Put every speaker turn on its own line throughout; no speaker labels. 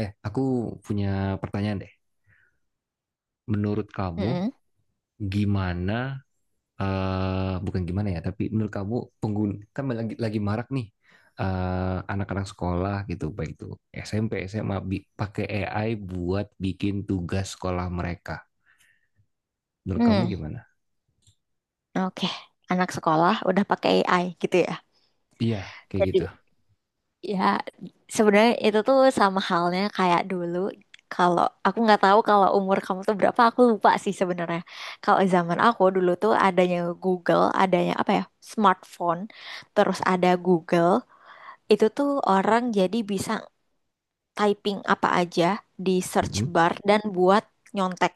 Aku punya pertanyaan deh. Menurut kamu,
Mm-mm.
gimana, eh bukan gimana ya, tapi menurut kamu, pengguna, kan lagi marak nih, anak-anak sekolah gitu, baik itu SMP, SMA, pakai AI buat bikin tugas sekolah mereka. Menurut kamu
Hmm,
gimana?
oke. Anak sekolah udah pakai AI gitu ya.
Iya, kayak
Jadi
gitu.
ya sebenarnya itu tuh sama halnya kayak dulu. Kalau aku nggak tahu kalau umur kamu tuh berapa, aku lupa sih sebenarnya. Kalau zaman aku dulu tuh adanya Google, adanya apa ya? Smartphone, terus ada Google, itu tuh orang jadi bisa typing apa aja di search
Mm-mm.
bar dan buat nyontek.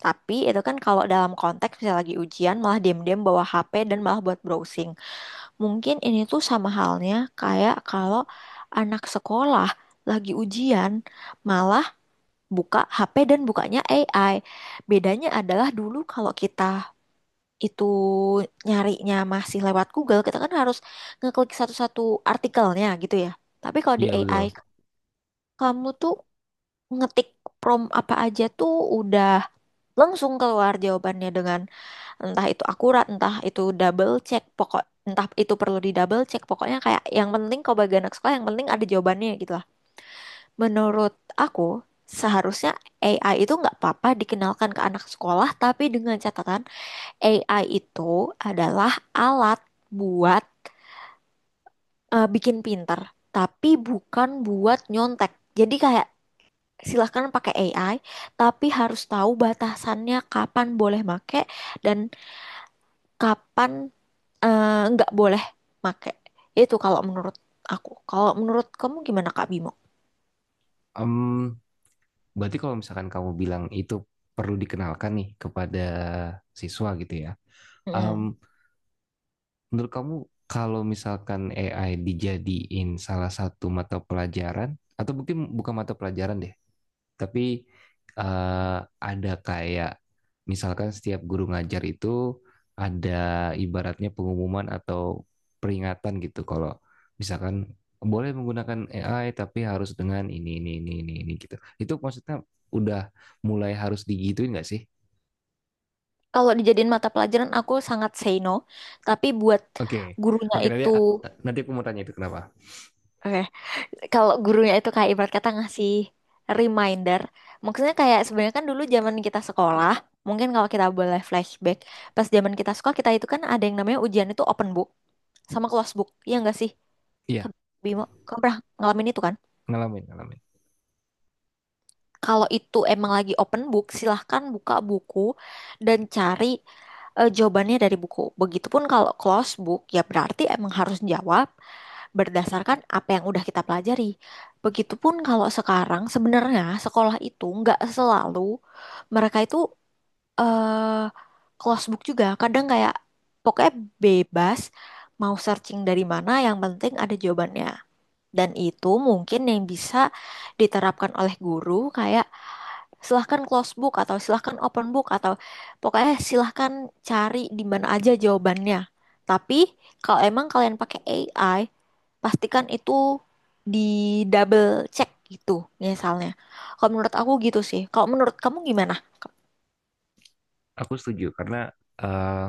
Tapi itu kan kalau dalam konteks misalnya lagi ujian, malah diam-diam bawa HP dan malah buat browsing. Mungkin ini tuh sama halnya kayak kalau anak sekolah lagi ujian malah buka HP dan bukanya AI. Bedanya adalah dulu kalau kita itu nyarinya masih lewat Google, kita kan harus ngeklik satu-satu artikelnya gitu ya. Tapi kalau di
Iya,
AI,
betul.
kamu tuh ngetik prom apa aja tuh udah langsung keluar jawabannya, dengan entah itu akurat, entah itu double check, entah itu perlu di double check, pokoknya kayak yang penting kalau bagi anak sekolah yang penting ada jawabannya gitu lah. Menurut aku seharusnya AI itu nggak apa-apa dikenalkan ke anak sekolah, tapi dengan catatan AI itu adalah alat buat, bikin pinter, tapi bukan buat nyontek. Jadi kayak silahkan pakai AI, tapi harus tahu batasannya kapan boleh make dan kapan eh, nggak boleh make. Itu kalau menurut aku. Kalau menurut kamu gimana, Kak Bimo?
Em, berarti kalau misalkan kamu bilang itu perlu dikenalkan nih kepada siswa gitu ya. Em,
Mm.
Menurut kamu kalau misalkan AI dijadiin salah satu mata pelajaran, atau mungkin bukan mata pelajaran deh, tapi eh, ada kayak misalkan setiap guru ngajar itu ada ibaratnya pengumuman atau peringatan gitu kalau misalkan boleh menggunakan AI tapi harus dengan ini gitu. Itu maksudnya udah mulai harus digituin nggak sih?
Kalau dijadiin mata pelajaran aku sangat say no, tapi buat
Oke, okay.
gurunya
Oke, okay, nanti
itu,
nanti aku mau tanya itu kenapa.
oke. Kalau gurunya itu kayak ibarat kata ngasih reminder, maksudnya kayak sebenarnya kan dulu zaman kita sekolah, mungkin kalau kita boleh flashback, pas zaman kita sekolah, kita itu kan ada yang namanya ujian itu open book sama close book, ya nggak sih, Kak
Iya,
Bimo? Kamu pernah ngalamin itu kan.
ngalamin, ngalamin.
Kalau itu emang lagi open book, silahkan buka buku dan cari jawabannya dari buku. Begitupun kalau close book, ya berarti emang harus jawab berdasarkan apa yang udah kita pelajari. Begitupun kalau sekarang, sebenarnya sekolah itu nggak selalu mereka itu eh close book juga, kadang kayak pokoknya bebas mau searching dari mana, yang penting ada jawabannya. Dan itu mungkin yang bisa diterapkan oleh guru, kayak silahkan close book atau silahkan open book, atau pokoknya silahkan cari di mana aja jawabannya. Tapi kalau emang kalian pakai AI, pastikan itu di double check gitu misalnya. Kalau menurut aku gitu sih. Kalau menurut kamu gimana?
Aku setuju karena eh,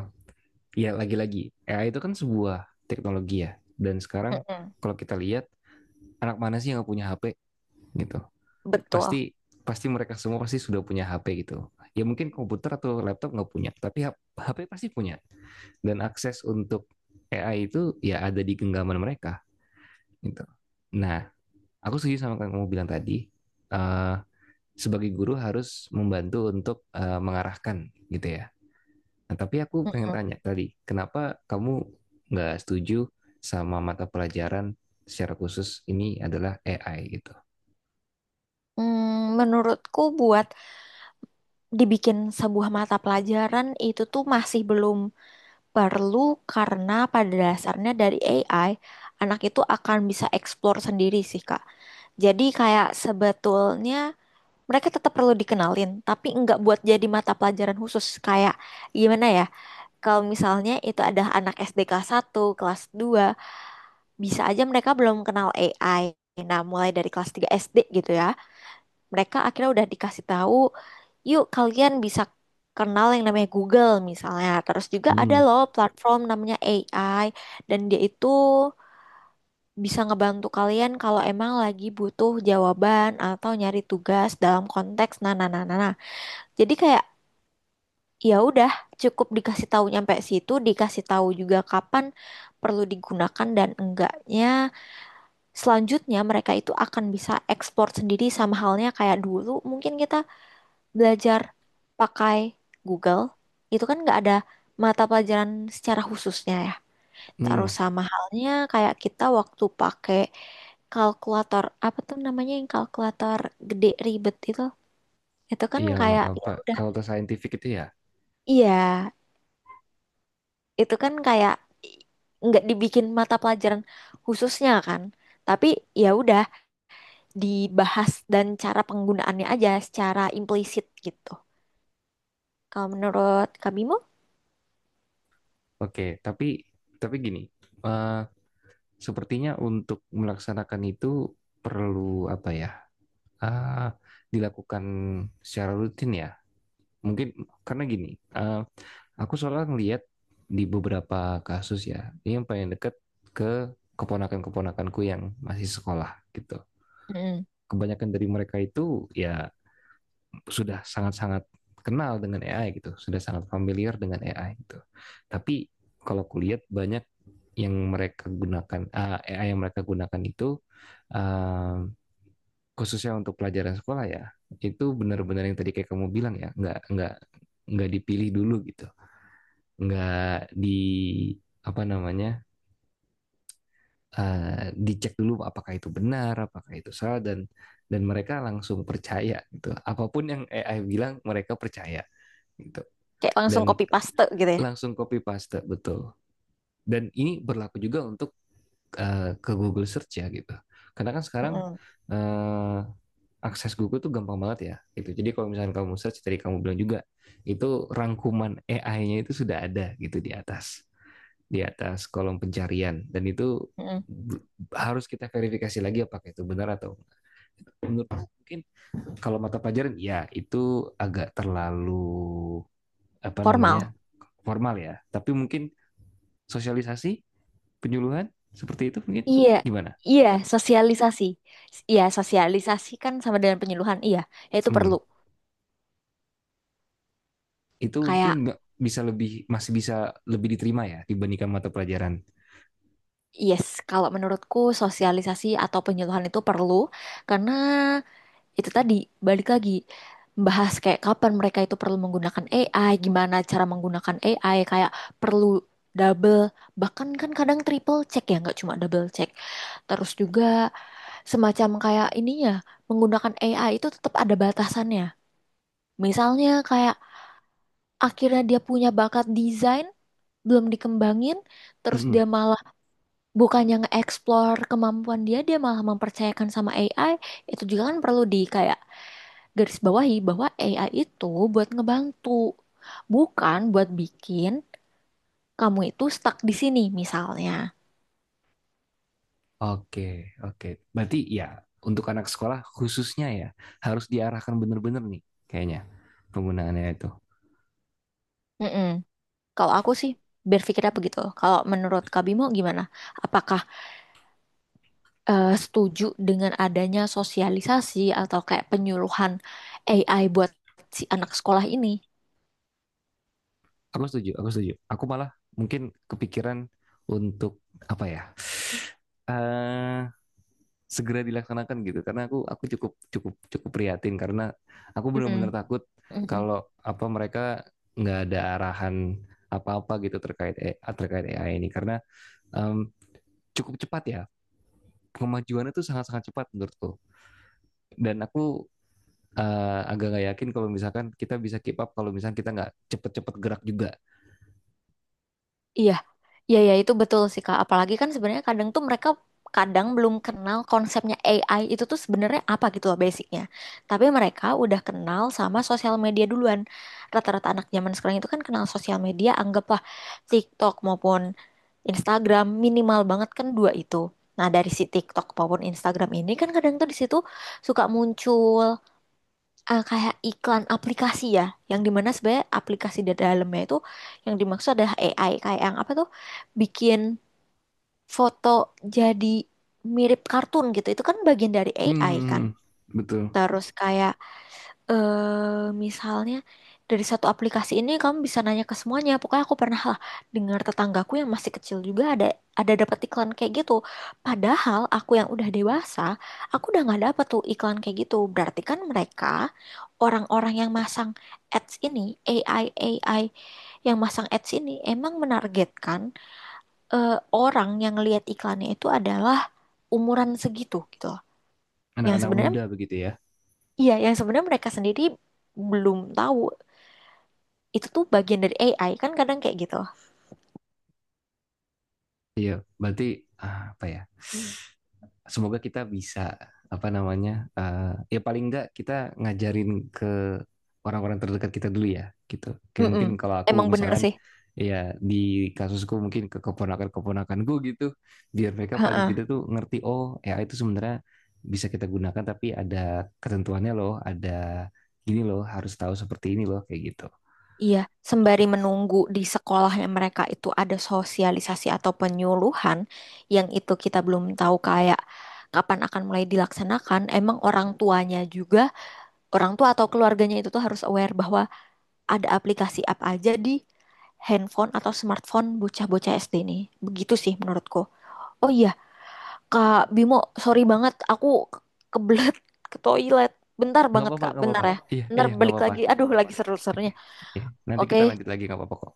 ya lagi-lagi AI itu kan sebuah teknologi ya. Dan sekarang
Mm-mm.
kalau kita lihat, anak mana sih yang nggak punya HP gitu?
Betul.
Pasti pasti mereka semua pasti sudah punya HP gitu. Ya mungkin komputer atau laptop nggak punya, tapi HP pasti punya. Dan akses untuk AI itu ya ada di genggaman mereka gitu. Nah, aku setuju sama yang kamu bilang tadi. eh, Sebagai guru harus membantu untuk mengarahkan gitu ya. Nah, tapi aku pengen tanya tadi, kenapa kamu nggak setuju sama mata pelajaran secara khusus ini adalah AI gitu?
Mm, menurutku buat dibikin sebuah mata pelajaran itu tuh masih belum perlu, karena pada dasarnya dari AI, anak itu akan bisa explore sendiri sih, Kak. Jadi kayak sebetulnya mereka tetap perlu dikenalin, tapi nggak buat jadi mata pelajaran khusus. Kayak gimana ya, kalau misalnya itu ada anak SD kelas satu, kelas dua, bisa aja mereka belum kenal AI. Nah, mulai dari kelas 3 SD gitu ya, mereka akhirnya udah dikasih tahu, yuk kalian bisa kenal yang namanya Google misalnya. Terus juga ada
Hmm,
loh platform namanya AI, dan dia itu bisa ngebantu kalian kalau emang lagi butuh jawaban atau nyari tugas dalam konteks nah, nah, nah, nah, nah. Jadi kayak ya udah, cukup dikasih tahu nyampe situ, dikasih tahu juga kapan perlu digunakan dan enggaknya. Selanjutnya mereka itu akan bisa ekspor sendiri, sama halnya kayak dulu mungkin kita belajar pakai Google, itu kan nggak ada mata pelajaran secara khususnya ya.
hmm,
Terus sama halnya kayak kita waktu pakai kalkulator, apa tuh namanya, yang kalkulator gede ribet itu kan
yang
kayak ya
apa?
udah.
Kalau ke scientific itu ya,
Iya, itu kan kayak i- nggak dibikin mata pelajaran khususnya kan, tapi ya udah dibahas dan cara penggunaannya aja secara implisit gitu, kalau menurut Kak Bimo.
oke. Tapi gini, eh, sepertinya untuk melaksanakan itu perlu apa ya? Ah, dilakukan secara rutin ya. Mungkin karena gini, eh, aku soalnya ngeliat di beberapa kasus ya, ini yang paling deket ke keponakan-keponakanku yang masih sekolah gitu.
Mm,
Kebanyakan dari mereka itu ya sudah sangat-sangat kenal dengan AI gitu, sudah sangat familiar dengan AI gitu. Tapi kalau kulihat banyak yang mereka gunakan AI yang mereka gunakan itu, ah, khususnya untuk pelajaran sekolah ya, itu benar-benar yang tadi kayak kamu bilang ya, nggak dipilih dulu gitu, nggak di apa namanya, dicek dulu apakah itu benar apakah itu salah. Dan mereka langsung percaya gitu, apapun yang AI bilang mereka percaya gitu
kayak langsung
dan
copy paste gitu ya.
langsung copy paste, betul. Dan ini berlaku juga untuk ke Google Search ya gitu, karena kan sekarang
Mm-mm,
eh, akses Google tuh gampang banget ya gitu. Jadi kalau misalnya kamu search, tadi kamu bilang juga itu, rangkuman AI-nya itu sudah ada gitu di atas, di atas kolom pencarian, dan itu
mm-mm.
harus kita verifikasi lagi apakah itu benar atau enggak. Menurut, mungkin kalau mata pelajaran ya itu agak terlalu apa
Formal.
namanya, formal ya, tapi mungkin sosialisasi, penyuluhan seperti itu mungkin
Iya,
gimana.
iya, sosialisasi. Iya, sosialisasi kan sama dengan penyuluhan. Iya, ya itu
Hmm,
perlu.
itu mungkin
Kayak,
nggak bisa lebih, masih bisa lebih diterima ya dibandingkan mata pelajaran.
yes, kalau menurutku sosialisasi atau penyuluhan itu perlu. Karena itu tadi, balik lagi, membahas kayak kapan mereka itu perlu menggunakan AI, gimana cara menggunakan AI, kayak perlu double, bahkan kan kadang triple check, ya, nggak cuma double check. Terus juga semacam kayak ininya, menggunakan AI itu tetap ada batasannya. Misalnya kayak akhirnya dia punya bakat desain, belum dikembangin, terus
Mm-mm.
dia malah bukannya nge-explore kemampuan dia, dia malah mempercayakan sama AI. Itu juga kan perlu di kayak garis bawahi bahwa AI itu buat ngebantu, bukan buat bikin kamu itu stuck di sini misalnya.
Oke, oke, berarti ya untuk anak sekolah khususnya ya harus diarahkan benar-benar nih kayaknya penggunaannya itu.
Mm-mm. Kalau aku sih berpikirnya begitu. Kalau menurut Kak Bimo gimana? Apakah setuju dengan adanya sosialisasi atau kayak penyuluhan AI buat si anak sekolah ini.
Aku setuju, aku setuju. Aku malah mungkin kepikiran untuk apa ya? eh Segera dilaksanakan gitu, karena aku cukup cukup cukup prihatin karena aku benar-benar
Mm.
takut
Mm-mm.
kalau apa mereka nggak ada arahan apa-apa gitu terkait terkait AI ini karena em, cukup cepat ya kemajuannya tuh sangat-sangat cepat menurutku. Dan aku agak nggak yakin kalau misalkan kita bisa keep up kalau misalkan kita nggak cepet-cepet gerak juga.
Iya, iya, iya, itu betul sih, Kak. Apalagi kan sebenarnya kadang tuh mereka kadang belum kenal konsepnya AI itu tuh sebenarnya apa gitu loh, basicnya. Tapi mereka udah kenal sama sosial media duluan. Rata-rata anak zaman sekarang itu kan kenal sosial media, anggaplah TikTok maupun Instagram, minimal banget kan dua itu. Nah, dari si TikTok maupun Instagram ini kan kadang tuh di situ suka muncul kayak iklan aplikasi ya, yang dimana sebenarnya aplikasi di dalamnya itu yang dimaksud adalah AI, kayak yang apa tuh, bikin foto jadi mirip kartun gitu. Itu kan bagian dari
Hmm,
AI
hmm,
kan.
hmm, hmm. Betul.
Terus kayak misalnya dari satu aplikasi ini kamu bisa nanya ke semuanya. Pokoknya aku pernah lah dengar tetanggaku yang masih kecil juga ada dapat iklan kayak gitu. Padahal aku yang udah dewasa, aku udah nggak dapat tuh iklan kayak gitu. Berarti kan mereka, orang-orang yang masang ads ini, AI AI yang masang ads ini emang menargetkan eh, orang yang lihat iklannya itu adalah umuran segitu gitu loh. Yang
Anak-anak
sebenarnya,
muda begitu ya.
iya, yang sebenarnya mereka sendiri belum tahu itu tuh bagian dari AI kan, kadang kayak gitu.
Iya, berarti ah, apa ya? Semoga kita bisa apa namanya, eh, ya paling enggak kita ngajarin ke orang-orang terdekat kita dulu ya, gitu. Kayak
Mm-mm.
mungkin kalau aku
Emang bener
misalkan
sih.
ya di kasusku mungkin ke keponakan-keponakanku gitu, biar mereka paling
Heeh.
tidak tuh ngerti, oh ya itu sebenarnya bisa kita gunakan tapi ada ketentuannya loh, ada gini loh, harus tahu seperti ini loh kayak gitu.
Iya, sembari menunggu di sekolahnya mereka itu ada sosialisasi atau penyuluhan, yang itu kita belum tahu kayak kapan akan mulai dilaksanakan, emang orang tuanya juga, orang tua atau keluarganya itu tuh harus aware bahwa ada aplikasi apa aja di handphone atau smartphone bocah-bocah SD nih. Begitu sih menurutku. Oh iya, Kak Bimo, sorry banget, aku ke- kebelet ke toilet. Bentar
Nggak
banget,
apa-apa,
Kak.
nggak
Bentar
apa-apa.
ya.
Iya,
Bentar
iya nggak
balik
apa-apa.
lagi. Iya, aduh, lagi
Oke.
seru-serunya.
Ya, nanti kita
Oke,
lanjut lagi nggak apa-apa kok.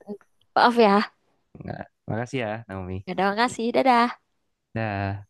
maaf ya.
Nggak, makasih ya, Naomi.
Ya udah, makasih. Dadah.
Dah.